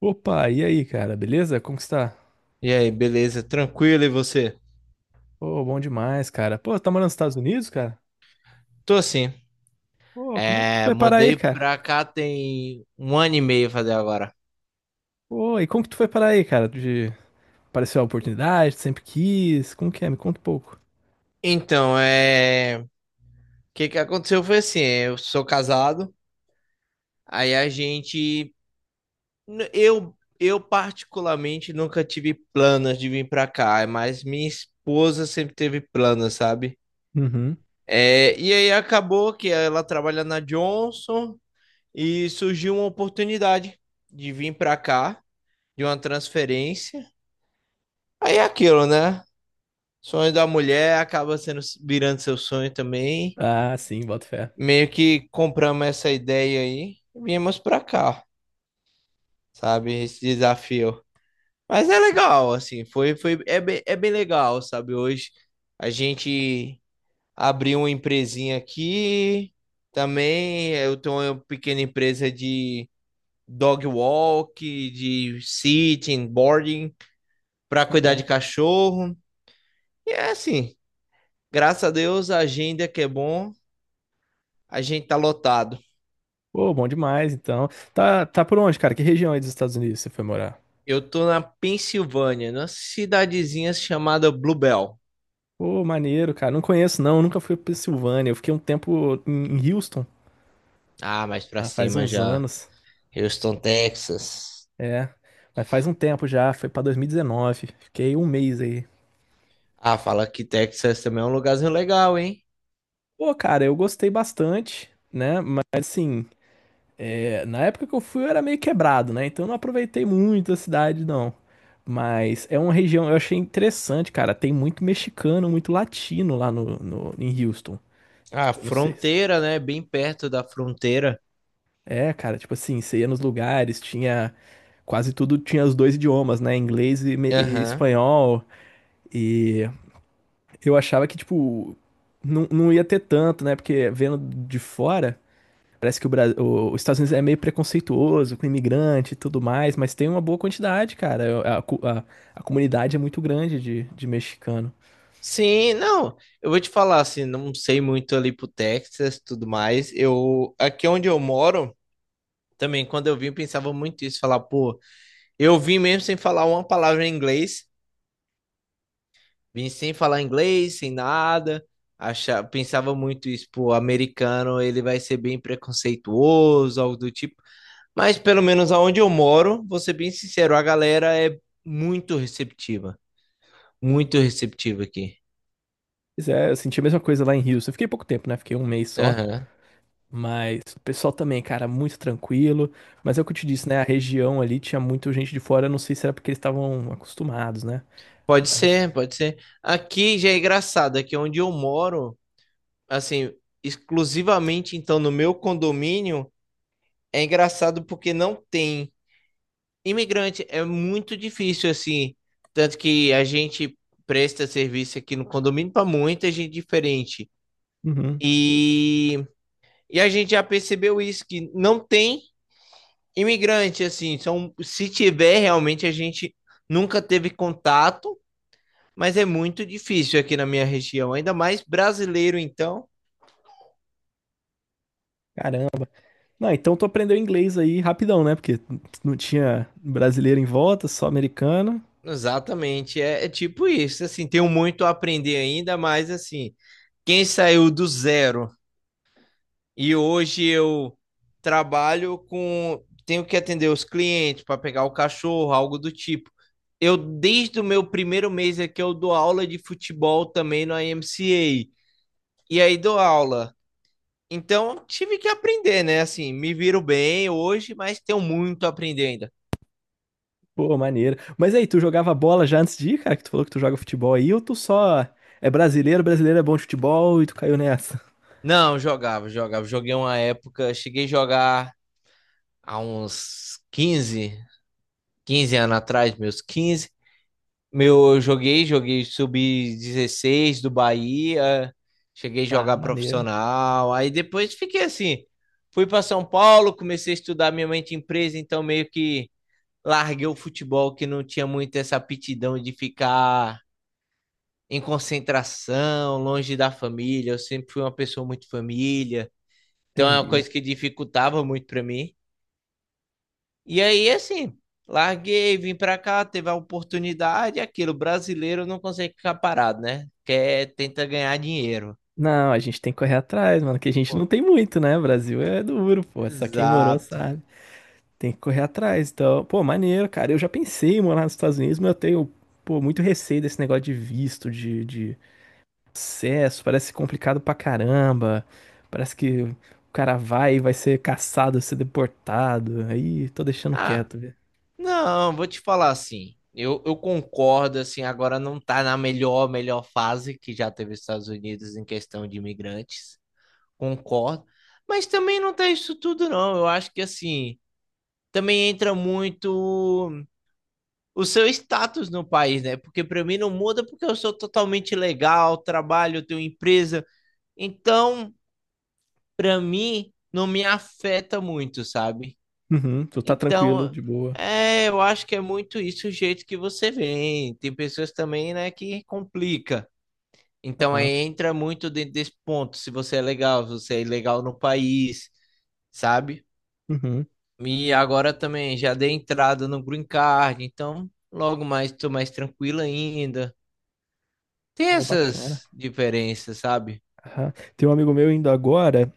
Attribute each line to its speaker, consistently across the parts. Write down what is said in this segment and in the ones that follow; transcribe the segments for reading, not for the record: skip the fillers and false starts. Speaker 1: Opa, e aí, cara? Beleza? Como que está?
Speaker 2: E aí, beleza? Tranquilo e você?
Speaker 1: Pô, bom demais, cara. Pô, tá morando nos Estados Unidos, cara?
Speaker 2: Tô assim.
Speaker 1: Pô, como é que tu foi parar aí,
Speaker 2: Mudei
Speaker 1: cara?
Speaker 2: pra cá tem um ano e meio fazer agora.
Speaker 1: Pô, e como que tu foi parar aí, cara? Apareceu a oportunidade, tu sempre quis? Como que é? Me conta um pouco.
Speaker 2: Então, o que que aconteceu foi assim, eu sou casado, aí, a gente eu particularmente nunca tive planos de vir pra cá, mas minha esposa sempre teve planos, sabe?
Speaker 1: Uhum.
Speaker 2: E aí acabou que ela trabalha na Johnson e surgiu uma oportunidade de vir pra cá, de uma transferência. Aí é aquilo, né? Sonho da mulher acaba sendo virando seu sonho também.
Speaker 1: Ah, sim, boto fé.
Speaker 2: Meio que compramos essa ideia aí e viemos pra cá, sabe? Esse desafio. Mas é legal, assim, é bem legal, sabe? Hoje a gente abriu uma empresinha aqui. Também eu tenho uma pequena empresa de dog walk, de sitting, boarding, para cuidar de
Speaker 1: Aham.
Speaker 2: cachorro. E é assim, graças a Deus, a agenda que é bom, a gente tá lotado.
Speaker 1: Pô, bom demais, então. Tá por onde, cara? Que região aí dos Estados Unidos você foi morar?
Speaker 2: Eu tô na Pensilvânia, numa cidadezinha chamada Bluebell.
Speaker 1: Pô, maneiro, cara. Não conheço, não. Nunca fui pra Pensilvânia. Eu fiquei um tempo em Houston.
Speaker 2: Ah, mais pra
Speaker 1: Ah, faz
Speaker 2: cima
Speaker 1: uns
Speaker 2: já.
Speaker 1: anos.
Speaker 2: Houston, Texas.
Speaker 1: É. Mas faz um tempo já. Foi pra 2019. Fiquei um mês aí.
Speaker 2: Ah, fala que Texas também é um lugarzinho legal, hein?
Speaker 1: Pô, cara, eu gostei bastante, né? Mas assim, é, na época que eu fui eu era meio quebrado, né? Então eu não aproveitei muito a cidade, não. Mas é uma região, eu achei interessante, cara. Tem muito mexicano, muito latino lá em Houston.
Speaker 2: Ah,
Speaker 1: Eu não sei.
Speaker 2: fronteira, né? Bem perto da fronteira.
Speaker 1: É, cara, tipo assim, você ia nos lugares, tinha quase tudo, tinha os dois idiomas, né? Inglês e, e
Speaker 2: Aham.
Speaker 1: espanhol. E eu achava que, tipo, não, não ia ter tanto, né? Porque vendo de fora. Parece que o Brasil, os Estados Unidos é meio preconceituoso com imigrante e tudo mais, mas tem uma boa quantidade, cara. É, a comunidade é muito grande de mexicano.
Speaker 2: Sim, não. Eu vou te falar assim, não sei muito ali pro Texas, tudo mais. Eu aqui onde eu moro, também, quando eu vim, eu pensava muito isso, falar, pô, eu vim mesmo sem falar uma palavra em inglês, vim sem falar inglês, sem nada, achava, pensava muito isso, pô, americano, ele vai ser bem preconceituoso, algo do tipo, mas pelo menos aonde eu moro, vou ser bem sincero, a galera é muito receptiva, muito receptiva aqui.
Speaker 1: Pois é, eu senti a mesma coisa lá em Houston. Eu fiquei pouco tempo, né? Fiquei um mês só.
Speaker 2: Aham.
Speaker 1: Mas o pessoal também, cara, muito tranquilo. Mas é o que eu te disse, né? A região ali tinha muita gente de fora. Eu não sei se era porque eles estavam acostumados, né?
Speaker 2: Pode
Speaker 1: Mas acho-
Speaker 2: ser, pode ser. Aqui já é engraçado, aqui onde eu moro, assim, exclusivamente então no meu condomínio, é engraçado porque não tem. Imigrante é muito difícil, assim. Tanto que a gente presta serviço aqui no condomínio para muita gente diferente.
Speaker 1: Uhum.
Speaker 2: E, e a gente já percebeu isso, que não tem imigrante, assim. São, se tiver, realmente a gente nunca teve contato, mas é muito difícil aqui na minha região. Ainda mais brasileiro, então.
Speaker 1: Caramba. Não, então tu aprendeu inglês aí rapidão, né? Porque não tinha brasileiro em volta, só americano.
Speaker 2: Exatamente, é tipo isso, assim, tenho muito a aprender ainda, mas assim, quem saiu do zero e hoje eu trabalho com. Tenho que atender os clientes para pegar o cachorro, algo do tipo. Eu, desde o meu primeiro mês é que eu dou aula de futebol também no IMCA. E aí dou aula. Então, tive que aprender, né? Assim, me viro bem hoje, mas tenho muito a aprender ainda.
Speaker 1: Pô, maneiro. Mas aí, tu jogava bola já antes de ir, cara? Que tu falou que tu joga futebol aí, ou tu só é brasileiro, brasileiro é bom de futebol e tu caiu nessa?
Speaker 2: Não, jogava, jogava. Joguei uma época, cheguei a jogar há uns quinze anos atrás, eu joguei sub 16 do Bahia, cheguei a
Speaker 1: Ah,
Speaker 2: jogar
Speaker 1: maneiro.
Speaker 2: profissional, aí depois fiquei assim, fui para São Paulo, comecei a estudar minha mente empresa, então meio que larguei o futebol que não tinha muito essa aptidão de ficar em concentração, longe da família, eu sempre fui uma pessoa muito família, então é uma
Speaker 1: Entendi.
Speaker 2: coisa que dificultava muito para mim. E aí, assim, larguei, vim pra cá, teve a oportunidade, aquilo, brasileiro não consegue ficar parado, né? Quer, tenta ganhar dinheiro.
Speaker 1: Não, a gente tem que correr atrás, mano, que a gente
Speaker 2: Pô,
Speaker 1: não tem muito, né? Brasil é duro, pô, só quem morou
Speaker 2: exato.
Speaker 1: sabe. Tem que correr atrás, então, pô, maneiro, cara. Eu já pensei em morar nos Estados Unidos, mas eu tenho, pô, muito receio desse negócio de visto, de acesso, parece complicado pra caramba. Parece que o cara vai e vai ser caçado, vai ser deportado. Aí, tô deixando
Speaker 2: Ah,
Speaker 1: quieto, velho.
Speaker 2: não, vou te falar assim. Eu concordo, assim, agora não tá na melhor, melhor fase que já teve os Estados Unidos em questão de imigrantes. Concordo. Mas também não tá isso tudo, não. Eu acho que, assim, também entra muito, o seu status no país, né? Porque para mim não muda porque eu sou totalmente legal, trabalho, tenho empresa. Então, para mim não me afeta muito, sabe?
Speaker 1: Uhum, tu tá tranquilo,
Speaker 2: Então,
Speaker 1: de boa.
Speaker 2: eu acho que é muito isso o jeito que você vem. Tem pessoas também, né, que complica. Então, aí
Speaker 1: Ah,
Speaker 2: entra muito dentro desse ponto, se você é legal, se você é legal no país, sabe?
Speaker 1: uhum,
Speaker 2: E agora também já dei entrada no Green Card, então logo mais estou mais tranquilo ainda. Tem
Speaker 1: pô, bacana.
Speaker 2: essas diferenças, sabe?
Speaker 1: Aham. Tem um amigo meu indo agora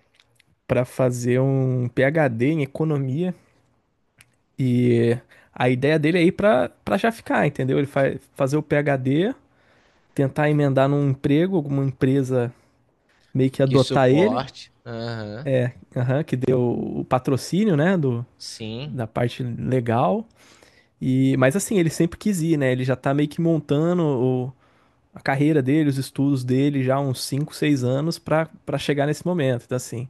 Speaker 1: para fazer um PhD em economia e a ideia dele é ir para já ficar, entendeu? Ele vai fazer o PhD, tentar emendar num emprego, alguma empresa meio que
Speaker 2: Que
Speaker 1: adotar ele,
Speaker 2: suporte. Aham.
Speaker 1: aham, que deu o patrocínio, né, do,
Speaker 2: Sim,
Speaker 1: da parte legal. E mas assim, ele sempre quis ir, né? Ele já tá meio que montando a carreira dele, os estudos dele já há uns 5 6 anos para chegar nesse momento. Então assim,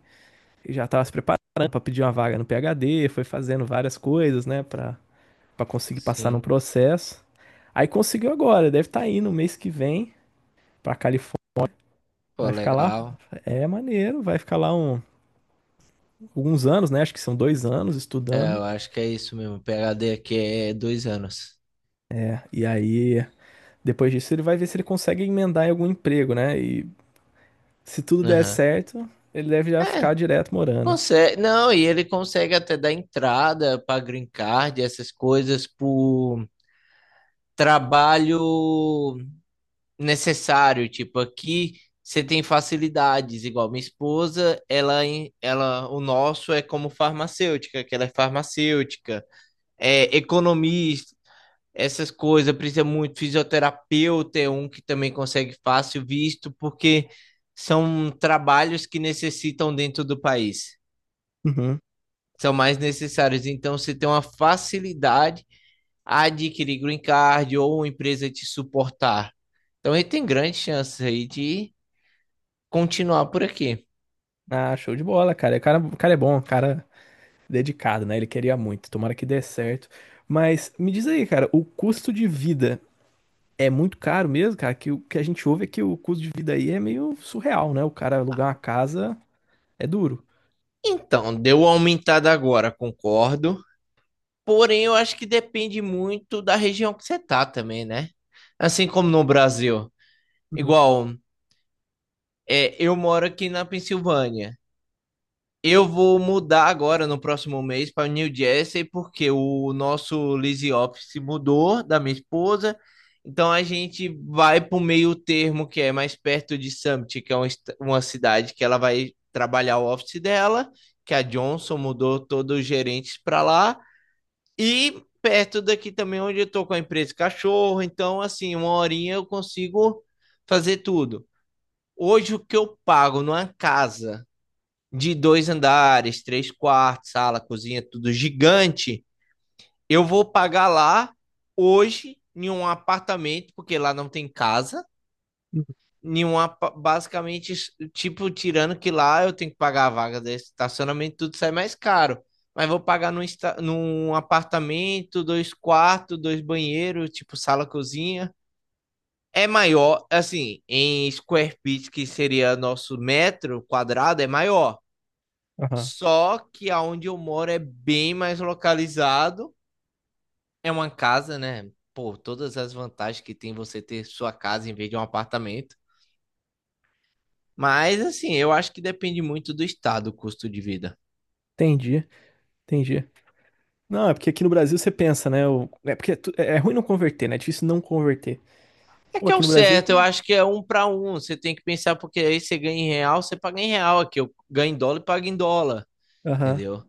Speaker 1: ele já tava se preparando para pedir uma vaga no PhD, foi fazendo várias coisas, né, para conseguir passar no
Speaker 2: sim.
Speaker 1: processo. Aí conseguiu agora, deve estar indo mês que vem para Califórnia.
Speaker 2: Pô,
Speaker 1: Vai ficar lá,
Speaker 2: legal.
Speaker 1: é maneiro, vai ficar lá alguns anos, né? Acho que são dois anos
Speaker 2: É,
Speaker 1: estudando.
Speaker 2: eu acho que é isso mesmo. PhD aqui é 2 anos.
Speaker 1: E aí, depois disso, ele vai ver se ele consegue emendar em algum emprego, né? E se tudo der
Speaker 2: Aham.
Speaker 1: certo, ele deve já ficar
Speaker 2: É,
Speaker 1: direto morando.
Speaker 2: consegue. Não, e ele consegue até dar entrada para green card, essas coisas, por trabalho necessário. Tipo, aqui você tem facilidades, igual minha esposa, ela, ela, o nosso é como farmacêutica, que ela é farmacêutica. Economista, essas coisas, precisa muito fisioterapeuta, é um que também consegue fácil visto, porque são trabalhos que necessitam dentro do país,
Speaker 1: Uhum.
Speaker 2: são mais necessários. Então, você tem uma facilidade a adquirir green card ou uma empresa te suportar. Então, ele tem grandes chances aí de continuar por aqui.
Speaker 1: Ah, show de bola, cara. O cara, o cara é bom, o cara é dedicado, né? Ele queria muito. Tomara que dê certo. Mas me diz aí, cara, o custo de vida é muito caro mesmo, cara, que o que a gente ouve é que o custo de vida aí é meio surreal, né? O cara alugar uma casa é duro.
Speaker 2: Então, deu uma aumentada agora, concordo. Porém, eu acho que depende muito da região que você tá também, né? Assim como no Brasil.
Speaker 1: Uhum,
Speaker 2: Igual, eu moro aqui na Pensilvânia. Eu vou mudar agora no próximo mês para New Jersey porque o nosso lease office mudou da minha esposa. Então a gente vai para o meio termo que é mais perto de Summit, que é uma cidade que ela vai trabalhar o office dela, que a Johnson mudou todos os gerentes para lá e perto daqui também onde eu tô com a empresa Cachorro. Então assim, uma horinha eu consigo fazer tudo. Hoje, o que eu pago numa casa de 2 andares, 3 quartos, sala, cozinha, tudo gigante, eu vou pagar lá hoje em um apartamento, porque lá não tem casa.
Speaker 1: uhum.
Speaker 2: Nenhuma, basicamente, tipo, tirando que lá eu tenho que pagar a vaga de estacionamento, tudo sai mais caro. Mas vou pagar num apartamento, 2 quartos, 2 banheiros, tipo sala, cozinha. É maior, assim, em square feet, que seria nosso metro quadrado, é maior.
Speaker 1: Aham,
Speaker 2: Só que aonde eu moro é bem mais localizado. É uma casa, né? Pô, todas as vantagens que tem você ter sua casa em vez de um apartamento. Mas, assim, eu acho que depende muito do estado, o custo de vida.
Speaker 1: entendi, entendi. Não, é porque aqui no Brasil você pensa, né? É porque é, é ruim não converter, né? É difícil não converter.
Speaker 2: É
Speaker 1: Pô,
Speaker 2: que é
Speaker 1: aqui
Speaker 2: o
Speaker 1: no Brasil.
Speaker 2: certo, eu acho que é um para um. Você tem que pensar, porque aí você ganha em real, você paga em real aqui. Eu ganho em dólar e pago em dólar,
Speaker 1: Aham.
Speaker 2: entendeu?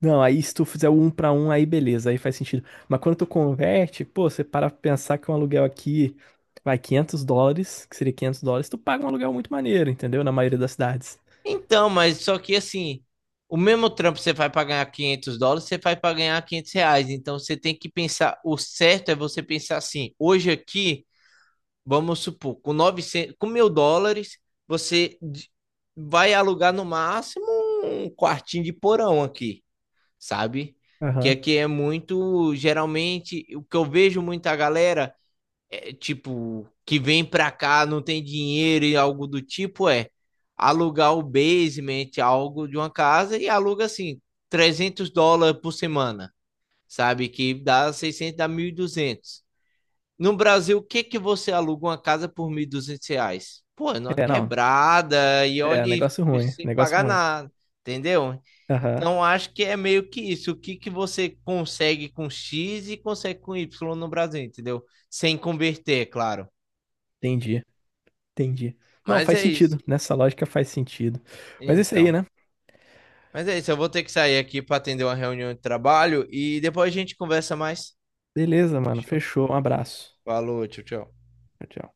Speaker 1: Não, aí se tu fizer o um pra um, aí beleza, aí faz sentido. Mas quando tu converte, pô, você para pra pensar que um aluguel aqui vai US$ 500, que seria US$ 500, tu paga um aluguel muito maneiro, entendeu? Na maioria das cidades.
Speaker 2: Então, mas só que assim, o mesmo trampo que você faz para ganhar 500 dólares, você faz para ganhar 500 reais. Então, você tem que pensar, o certo é você pensar assim, hoje aqui, vamos supor, com 900, com 1.000 dólares, você d- vai alugar no máximo um quartinho de porão aqui, sabe? Que
Speaker 1: Aham.
Speaker 2: aqui é muito, geralmente, o que eu vejo muita galera é, tipo, que vem pra cá, não tem dinheiro e algo do tipo, é alugar o basement, algo de uma casa e aluga assim, 300 dólares por semana, sabe? Que dá 600 dá 1.200. No Brasil, o que que você aluga uma casa por 1.200 reais? Pô, é numa
Speaker 1: É, não,
Speaker 2: quebrada e
Speaker 1: é,
Speaker 2: olhe
Speaker 1: negócio ruim,
Speaker 2: sem
Speaker 1: negócio
Speaker 2: pagar
Speaker 1: ruim.
Speaker 2: nada, entendeu?
Speaker 1: Aham,
Speaker 2: Então, acho que é meio que isso. O que que você consegue com X e consegue com Y no Brasil, entendeu? Sem converter, é claro.
Speaker 1: entendi, entendi. Não,
Speaker 2: Mas
Speaker 1: faz
Speaker 2: é
Speaker 1: sentido,
Speaker 2: isso.
Speaker 1: nessa lógica faz sentido. Mas é isso aí,
Speaker 2: Então.
Speaker 1: né?
Speaker 2: Mas é isso. Eu vou ter que sair aqui para atender uma reunião de trabalho e depois a gente conversa mais.
Speaker 1: Beleza, mano,
Speaker 2: Fechou?
Speaker 1: fechou, um abraço.
Speaker 2: Falou, tchau, tchau.
Speaker 1: Tchau, tchau.